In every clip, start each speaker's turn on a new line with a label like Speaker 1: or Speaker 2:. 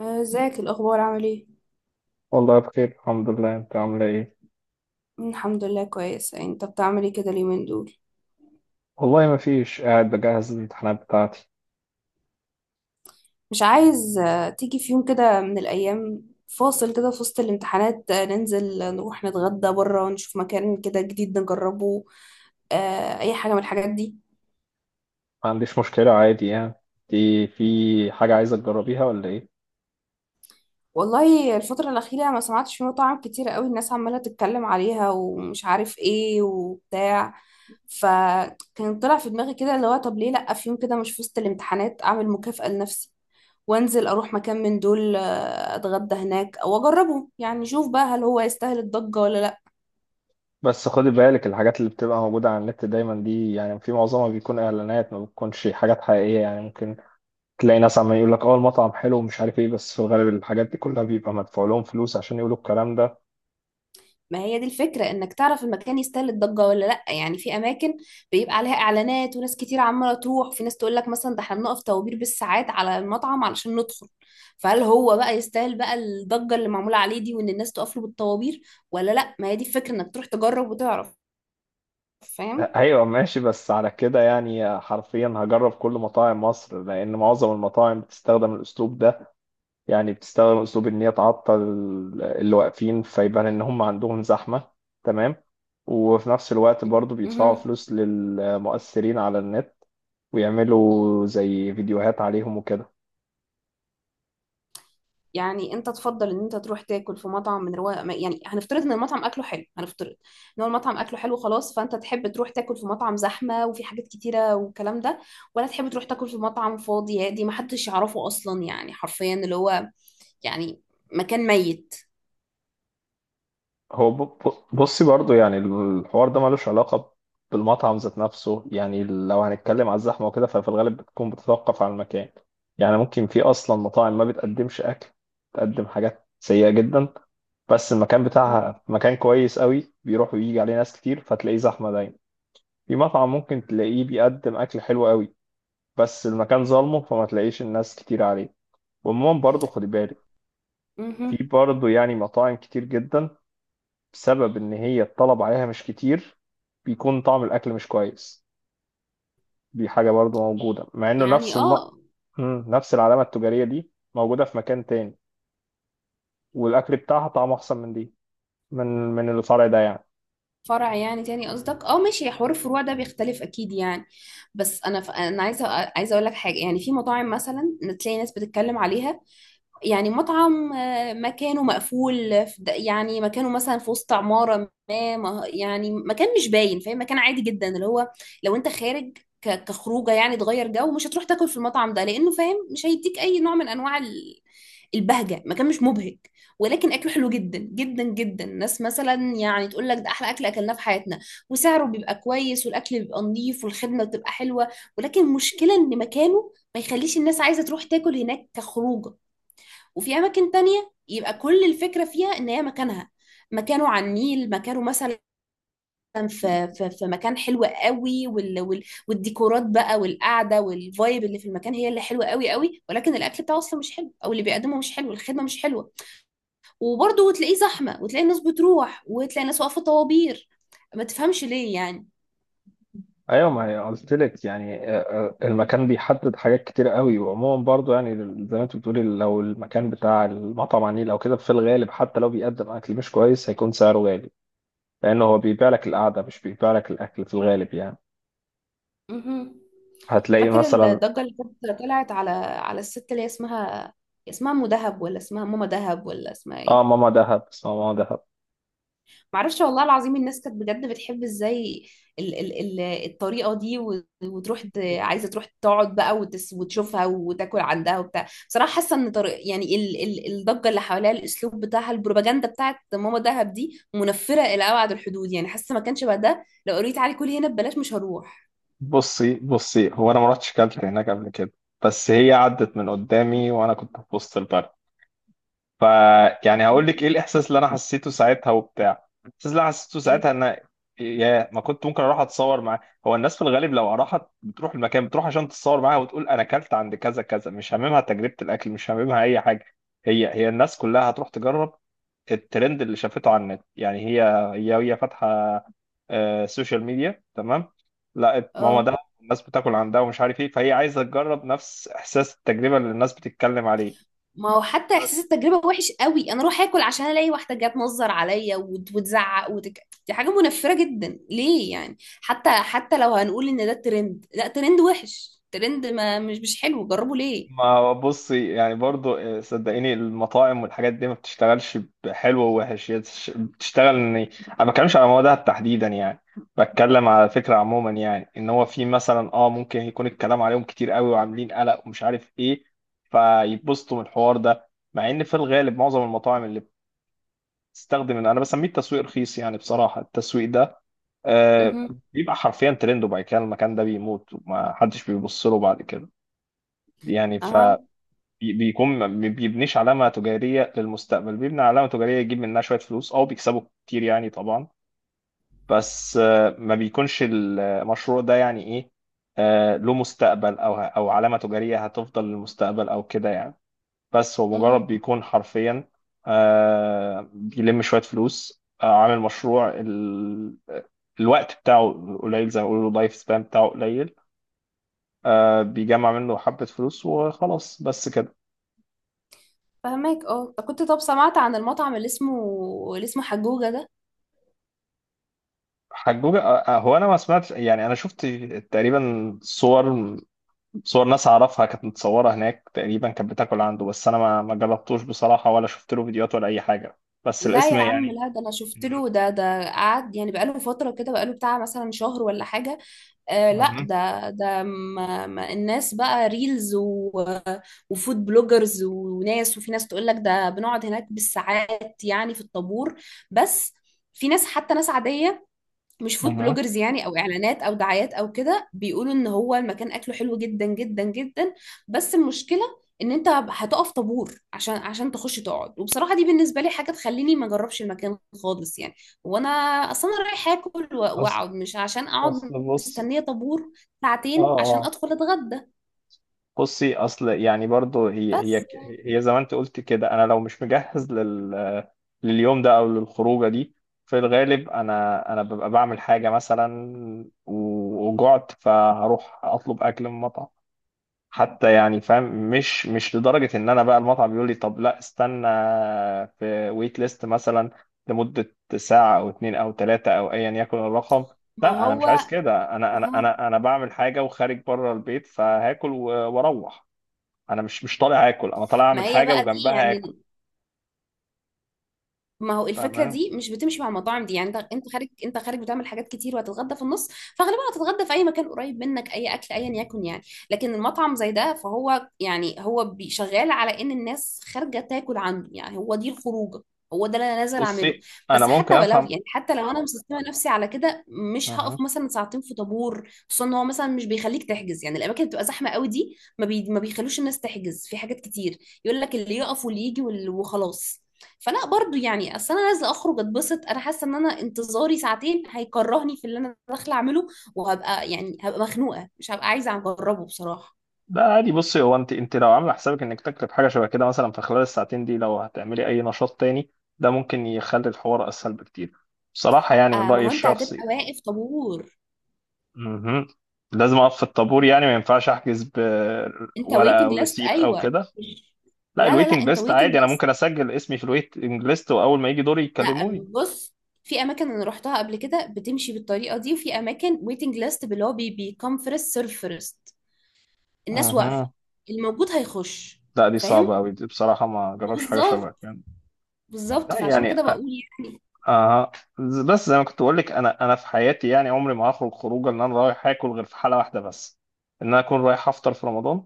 Speaker 1: ازيك الاخبار، عامل ايه؟
Speaker 2: والله بخير، الحمد لله. انت عامله ايه؟
Speaker 1: الحمد لله، كويس. انت بتعمل ايه كده اليومين دول؟
Speaker 2: والله ما فيش، قاعد بجهز الامتحانات بتاعتي.
Speaker 1: مش عايز تيجي في يوم كده من الايام فاصل كده في وسط الامتحانات، ننزل نروح نتغدى بره ونشوف مكان كده جديد نجربه؟ اي حاجه من الحاجات دي.
Speaker 2: ما عنديش مشكله عادي يعني. دي في حاجه عايزه تجربيها ولا ايه؟
Speaker 1: والله الفتره الاخيره ما سمعتش في مطاعم كتير قوي الناس عماله تتكلم عليها، ومش عارف ايه وبتاع. فكان طلع في دماغي كده اللي هو، طب ليه لا في يوم كده مش في وسط الامتحانات اعمل مكافأة لنفسي، وانزل اروح مكان من دول اتغدى هناك او اجربه، يعني شوف بقى هل هو يستاهل الضجة ولا لا.
Speaker 2: بس خدي بالك، الحاجات اللي بتبقى موجوده على النت دايما دي يعني في معظمها بيكون اعلانات، ما بتكونش حاجات حقيقيه. يعني ممكن تلاقي ناس عمال يقول لك اه المطعم حلو ومش عارف ايه، بس في الغالب الحاجات دي كلها بيبقى مدفوع لهم فلوس عشان يقولوا الكلام ده.
Speaker 1: ما هي دي الفكرة، انك تعرف المكان يستاهل الضجة ولا لا. يعني في اماكن بيبقى عليها اعلانات وناس كتير عمالة تروح، في ناس تقول لك مثلا ده احنا بنقف طوابير بالساعات على المطعم علشان ندخل. فهل هو بقى يستاهل بقى الضجة اللي معمولة عليه دي، وان الناس تقف له بالطوابير ولا لا؟ ما هي دي الفكرة انك تروح تجرب وتعرف. فاهم؟
Speaker 2: ايوه ماشي، بس على كده يعني حرفيا هجرب كل مطاعم مصر، لان معظم المطاعم بتستخدم الاسلوب ده. يعني بتستخدم اسلوب ان هي تعطل اللي واقفين فيبان ان هم عندهم زحمة، تمام، وفي نفس الوقت برضو بيدفعوا
Speaker 1: مهم.
Speaker 2: فلوس للمؤثرين على النت ويعملوا زي فيديوهات عليهم وكده.
Speaker 1: يعني انت تفضل ان انت تروح تاكل في مطعم من رواق، يعني هنفترض ان المطعم اكله حلو، هنفترض ان هو المطعم اكله حلو، خلاص. فانت تحب تروح تاكل في مطعم زحمه وفي حاجات كتيره والكلام ده، ولا تحب تروح تاكل في مطعم فاضي هادي ما حدش يعرفه اصلا، يعني حرفيا اللي هو، يعني مكان ميت؟
Speaker 2: هو بصي برضو، يعني الحوار ده ملوش علاقة بالمطعم ذات نفسه. يعني لو هنتكلم على الزحمة وكده ففي الغالب بتكون بتتوقف على المكان. يعني ممكن في أصلا مطاعم ما بتقدمش أكل، بتقدم حاجات سيئة جدا، بس المكان بتاعها مكان كويس قوي بيروح ويجي عليه ناس كتير فتلاقيه زحمة دايما. في مطعم ممكن تلاقيه بيقدم أكل حلو قوي بس المكان ظالمه فما تلاقيش الناس كتير عليه. وعموما برضه خدي بالك، في
Speaker 1: مهم.
Speaker 2: برضه يعني مطاعم كتير جدا، بسبب إن هي الطلب عليها مش كتير بيكون طعم الأكل مش كويس. دي حاجة برضه موجودة، مع إنه
Speaker 1: يعني
Speaker 2: نفس الم...
Speaker 1: اه.
Speaker 2: مم، نفس العلامة التجارية دي موجودة في مكان تاني والأكل بتاعها طعمه أحسن من دي، من الفرع ده يعني.
Speaker 1: فرع يعني تاني قصدك، اه ماشي. حوار الفروع ده بيختلف اكيد يعني. بس انا انا عايزه اقول لك حاجه، يعني في مطاعم مثلا إن تلاقي ناس بتتكلم عليها. يعني مطعم مكانه مقفول يعني مكانه مثلا في وسط عمارة يعني مكان مش باين، فاهم، مكان عادي جدا اللي هو، لو انت خارج كخروجه يعني تغير جو، مش هتروح تاكل في المطعم ده، لانه فاهم مش هيديك اي نوع من انواع البهجه. مكان مش مبهج، ولكن اكله حلو جدا جدا جدا، ناس مثلا يعني تقول لك ده احلى اكل اكلناه في حياتنا، وسعره بيبقى كويس والاكل بيبقى نظيف والخدمه بتبقى حلوه، ولكن مشكله ان مكانه ما يخليش الناس عايزه تروح تاكل هناك كخروجه. وفي اماكن تانية يبقى كل الفكرة فيها ان هي مكانها، مكانه على النيل، مكانه مثلا في مكان حلو قوي، وال والديكورات بقى والقعده والفايب اللي في المكان هي اللي حلوه قوي قوي، ولكن الاكل بتاعه اصلا مش حلو، او اللي بيقدمه مش حلو، الخدمه مش حلوه، وبرضه وتلاقيه زحمه وتلاقي الناس بتروح وتلاقي الناس واقفه طوابير. ما تفهمش ليه يعني؟
Speaker 2: ايوه، ما هي قلت لك يعني، المكان بيحدد حاجات كتير قوي. وعموما برضو يعني، زي ما انت بتقولي، لو المكان بتاع المطعم على النيل او كده، في الغالب حتى لو بيقدم اكل مش كويس هيكون سعره غالي، لانه هو بيبيع لك القعده مش بيبيع لك الاكل في الغالب يعني.
Speaker 1: مهم.
Speaker 2: هتلاقي
Speaker 1: فاكر
Speaker 2: مثلا.
Speaker 1: الضجه اللي كانت طلعت على الست اللي هي اسمها، اسمها ام دهب ولا اسمها ماما دهب ولا اسمها
Speaker 2: اه،
Speaker 1: ايه؟
Speaker 2: ماما دهب، اسمها ماما دهب.
Speaker 1: معرفش والله العظيم. الناس كانت بجد بتحب ازاي ال الطريقة دي، وتروح عايزة تروح تقعد بقى وتشوفها وتاكل عندها وبتاع. بصراحة حاسة ان طريق يعني ال ال الضجة اللي حواليها، الاسلوب بتاعها، البروباجندا بتاعت ماما دهب دي، منفرة الى ابعد الحدود. يعني حاسة ما كانش بقى ده، لو قريت علي كل هنا ببلاش مش هروح.
Speaker 2: بصي بصي، هو انا ما رحتش كلت هناك قبل كده، بس هي عدت من قدامي وانا كنت في وسط البلد. ف يعني هقول لك
Speaker 1: مم.
Speaker 2: ايه الاحساس اللي انا حسيته ساعتها وبتاع، الاحساس اللي انا حسيته
Speaker 1: ايه؟
Speaker 2: ساعتها ان يا ما كنت ممكن اروح اتصور معاه. هو الناس في الغالب لو راحت بتروح المكان، بتروح عشان تتصور معاها وتقول انا اكلت عند كذا كذا، مش هاممها تجربة الاكل، مش هاممها اي حاجة. هي الناس كلها هتروح تجرب الترند اللي شافته على النت يعني. هي هي فاتحة سوشيال ميديا، تمام، لقت ماما
Speaker 1: اه،
Speaker 2: ده الناس بتاكل عندها ومش عارف ايه، فهي عايزة تجرب نفس احساس التجربة اللي الناس بتتكلم عليه.
Speaker 1: ما هو حتى احساس التجربه وحش قوي، انا اروح اكل عشان الاقي واحده جت تنظر عليا وتزعق دي حاجه منفره جدا. ليه يعني، حتى لو هنقول ان ده الترند، لا ترند وحش. ترند ما مش حلو، جربه ليه؟
Speaker 2: ما هو بصي يعني برضو، صدقيني المطاعم والحاجات دي ما بتشتغلش بحلو ووحش. هي بتشتغل ان انا ما بتكلمش على مواد تحديدا يعني، بتكلم على فكره عموما. يعني ان هو في مثلا اه ممكن يكون الكلام عليهم كتير قوي وعاملين قلق ومش عارف ايه فيتبسطوا من الحوار ده، مع ان في الغالب معظم المطاعم اللي بتستخدم انا بسميه التسويق رخيص يعني، بصراحه التسويق ده آه
Speaker 1: مهم.
Speaker 2: بيبقى حرفيا ترند، وبعد كده المكان ده بيموت وما حدش بيبص له بعد كده يعني.
Speaker 1: اها.
Speaker 2: بيكون ما بي- بيبنيش علامة تجارية للمستقبل، بيبني علامة تجارية يجيب منها شوية فلوس، أو بيكسبوا كتير يعني طبعا. بس ما بيكونش المشروع ده يعني إيه، له مستقبل أو علامة تجارية هتفضل للمستقبل أو كده يعني. بس هو مجرد
Speaker 1: مهم.
Speaker 2: بيكون حرفيا، بيلم شوية فلوس، عامل مشروع الوقت بتاعه قليل، زي ما بيقولوا اللايف سبان بتاعه قليل، بيجمع منه حبة فلوس وخلاص بس كده.
Speaker 1: فهماك؟ اه. طب كنت، طب سمعت عن المطعم اللي اسمه، اللي اسمه حجوجة ده؟
Speaker 2: حجوجة؟ هو انا ما سمعتش يعني، انا شفت تقريبا صور، صور ناس اعرفها كانت متصورة هناك تقريبا كانت بتاكل عنده، بس انا ما جربتوش بصراحة ولا شفت له فيديوهات ولا اي حاجة، بس
Speaker 1: لا
Speaker 2: الاسم
Speaker 1: يا عم،
Speaker 2: يعني.
Speaker 1: لا، ده انا شفت
Speaker 2: مهم.
Speaker 1: له، ده قعد يعني بقاله فترة كده، بقاله بتاع مثلا شهر ولا حاجة. لا،
Speaker 2: مهم.
Speaker 1: ده ما الناس بقى ريلز وفود بلوجرز وناس، وفي ناس تقول لك ده بنقعد هناك بالساعات يعني في الطابور. بس في ناس، حتى ناس عادية مش فود
Speaker 2: مهم.
Speaker 1: بلوجرز يعني، او اعلانات او دعايات او كده، بيقولوا ان هو المكان اكله حلو جدا جدا جدا. بس المشكلة ان انت هتقف طابور عشان تخش تقعد، وبصراحة دي بالنسبة لي حاجة تخليني ما اجربش المكان خالص يعني. وانا اصلا انا رايح اكل
Speaker 2: اصل
Speaker 1: واقعد، مش عشان
Speaker 2: اصل
Speaker 1: اقعد
Speaker 2: بص،
Speaker 1: مستنية طابور
Speaker 2: اه
Speaker 1: ساعتين عشان
Speaker 2: اه
Speaker 1: ادخل اتغدى.
Speaker 2: بصي. اصل يعني برضو هي
Speaker 1: بس
Speaker 2: هي
Speaker 1: يعني
Speaker 2: هي زي ما انت قلت كده، انا لو مش مجهز لليوم ده او للخروجه دي، في الغالب انا ببقى بعمل حاجه مثلا وجعت فهروح اطلب اكل من مطعم. حتى يعني فاهم، مش لدرجه ان انا بقى المطعم بيقول لي طب لا استنى في ويت ليست مثلا لمده ساعه او اتنين او تلاته او ايا يكن الرقم.
Speaker 1: ما
Speaker 2: لا، انا مش
Speaker 1: هو،
Speaker 2: عايز كده، انا انا
Speaker 1: أها.
Speaker 2: انا انا بعمل حاجه وخارج بره البيت فهاكل واروح. انا مش طالع اكل، انا طالع
Speaker 1: ما
Speaker 2: اعمل
Speaker 1: هي
Speaker 2: حاجه
Speaker 1: بقى دي
Speaker 2: وجنبها
Speaker 1: يعني،
Speaker 2: اكل.
Speaker 1: ما هو الفكره
Speaker 2: فاهم؟
Speaker 1: دي مش بتمشي مع المطاعم دي. يعني انت خارج، انت خارج بتعمل حاجات كتير، وهتتغدى في النص، فغالبا هتتغدى في اي مكان قريب منك، اي اكل ايا يكن يعني. لكن المطعم زي ده، فهو يعني هو شغال على ان الناس خارجه تاكل عنده، يعني هو دي الخروجه، هو ده اللي انا نازل اعمله.
Speaker 2: بصي انا
Speaker 1: بس
Speaker 2: ممكن
Speaker 1: حتى ولو
Speaker 2: افهم.
Speaker 1: يعني، حتى لو انا مسستمه نفسي على كده، مش
Speaker 2: أها.
Speaker 1: هقف مثلا ساعتين في طابور، خصوصا ان هو مثلا مش بيخليك تحجز. يعني الاماكن اللي بتبقى زحمه قوي دي ما بيخلوش الناس تحجز في حاجات كتير، يقول لك اللي يقف واللي يجي وخلاص. فلا برضو يعني، اصل انا نازله اخرج اتبسط، انا حاسه ان انا انتظاري ساعتين هيكرهني في اللي انا داخله اعمله، وهبقى يعني هبقى مخنوقه، مش هبقى عايزه اجربه بصراحه.
Speaker 2: ده عادي، بصي هو انت لو عامله حسابك انك تكتب حاجه شبه كده، مثلا في خلال الساعتين دي لو هتعملي اي نشاط تاني، ده ممكن يخلي الحوار اسهل بكتير، بصراحه يعني من
Speaker 1: ما
Speaker 2: رايي
Speaker 1: هو انت هتبقى
Speaker 2: الشخصي.
Speaker 1: واقف طابور.
Speaker 2: أها. لازم اقف في الطابور، يعني ما ينفعش احجز
Speaker 1: انت
Speaker 2: بورقه
Speaker 1: ويتنج
Speaker 2: او
Speaker 1: ليست؟
Speaker 2: ريسيت او
Speaker 1: ايوه.
Speaker 2: كده.
Speaker 1: مش-
Speaker 2: لا،
Speaker 1: لا، لا، لا،
Speaker 2: الويتنج
Speaker 1: انت
Speaker 2: ليست
Speaker 1: ويتنج
Speaker 2: عادي، انا
Speaker 1: ليست،
Speaker 2: ممكن اسجل اسمي في الويتنج ليست واول ما يجي دوري
Speaker 1: لا،
Speaker 2: يكلموني.
Speaker 1: بص. في اماكن انا روحتها قبل كده بتمشي بالطريقه دي، وفي اماكن ويتنج ليست اللي هو بيكم فيرست سيرف فيرست، الناس واقفه،
Speaker 2: أها.
Speaker 1: الموجود هيخش.
Speaker 2: لا، دي صعبه
Speaker 1: فاهم؟
Speaker 2: قوي دي بصراحه، ما جربش حاجه شبه
Speaker 1: بالظبط.
Speaker 2: كده.
Speaker 1: بالظبط،
Speaker 2: لا
Speaker 1: فعشان
Speaker 2: يعني
Speaker 1: كده بقول
Speaker 2: آه بس زي ما كنت بقول لك، انا في حياتي يعني عمري ما هخرج خروجه ان انا رايح اكل، غير في حاله واحده بس، ان انا اكون رايح افطر في رمضان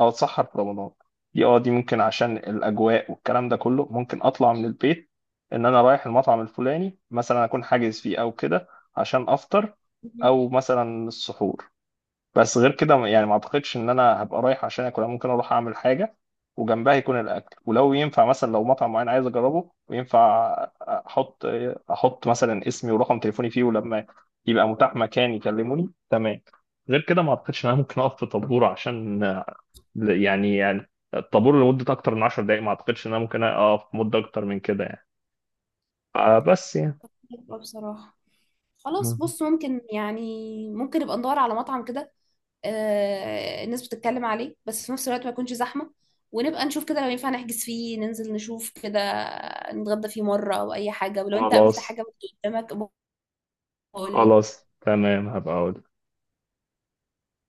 Speaker 2: او اتسحر في رمضان. دي دي ممكن، عشان الاجواء والكلام ده كله ممكن اطلع من البيت ان انا رايح المطعم الفلاني مثلا اكون حاجز فيه او كده، عشان افطر
Speaker 1: يعني.
Speaker 2: او مثلا السحور. بس غير كده يعني ما اعتقدش ان انا هبقى رايح عشان اكل. أنا ممكن اروح اعمل حاجه وجنبها يكون الاكل، ولو ينفع مثلا لو مطعم معين عايز اجربه وينفع، احط احط مثلا اسمي ورقم تليفوني فيه، ولما يبقى متاح مكان يكلموني، تمام. غير كده ما اعتقدش ان انا ممكن اقف في طابور عشان، يعني الطابور لمده اكتر من 10 دقائق ما اعتقدش ان انا ممكن اقف مده اكتر من كده يعني. بس يعني.
Speaker 1: حلوة بصراحة. خلاص
Speaker 2: مهم.
Speaker 1: بص، ممكن يعني، ممكن نبقى ندور على مطعم كده الناس بتتكلم عليه، بس في نفس الوقت ما يكونش زحمة، ونبقى نشوف كده لو ينفع نحجز فيه، ننزل نشوف كده، نتغدى فيه مرة أو أي حاجة. ولو أنت قابلت
Speaker 2: خلاص.
Speaker 1: حاجة قدامك، قول لي.
Speaker 2: خلاص تمام، هبقى اقول.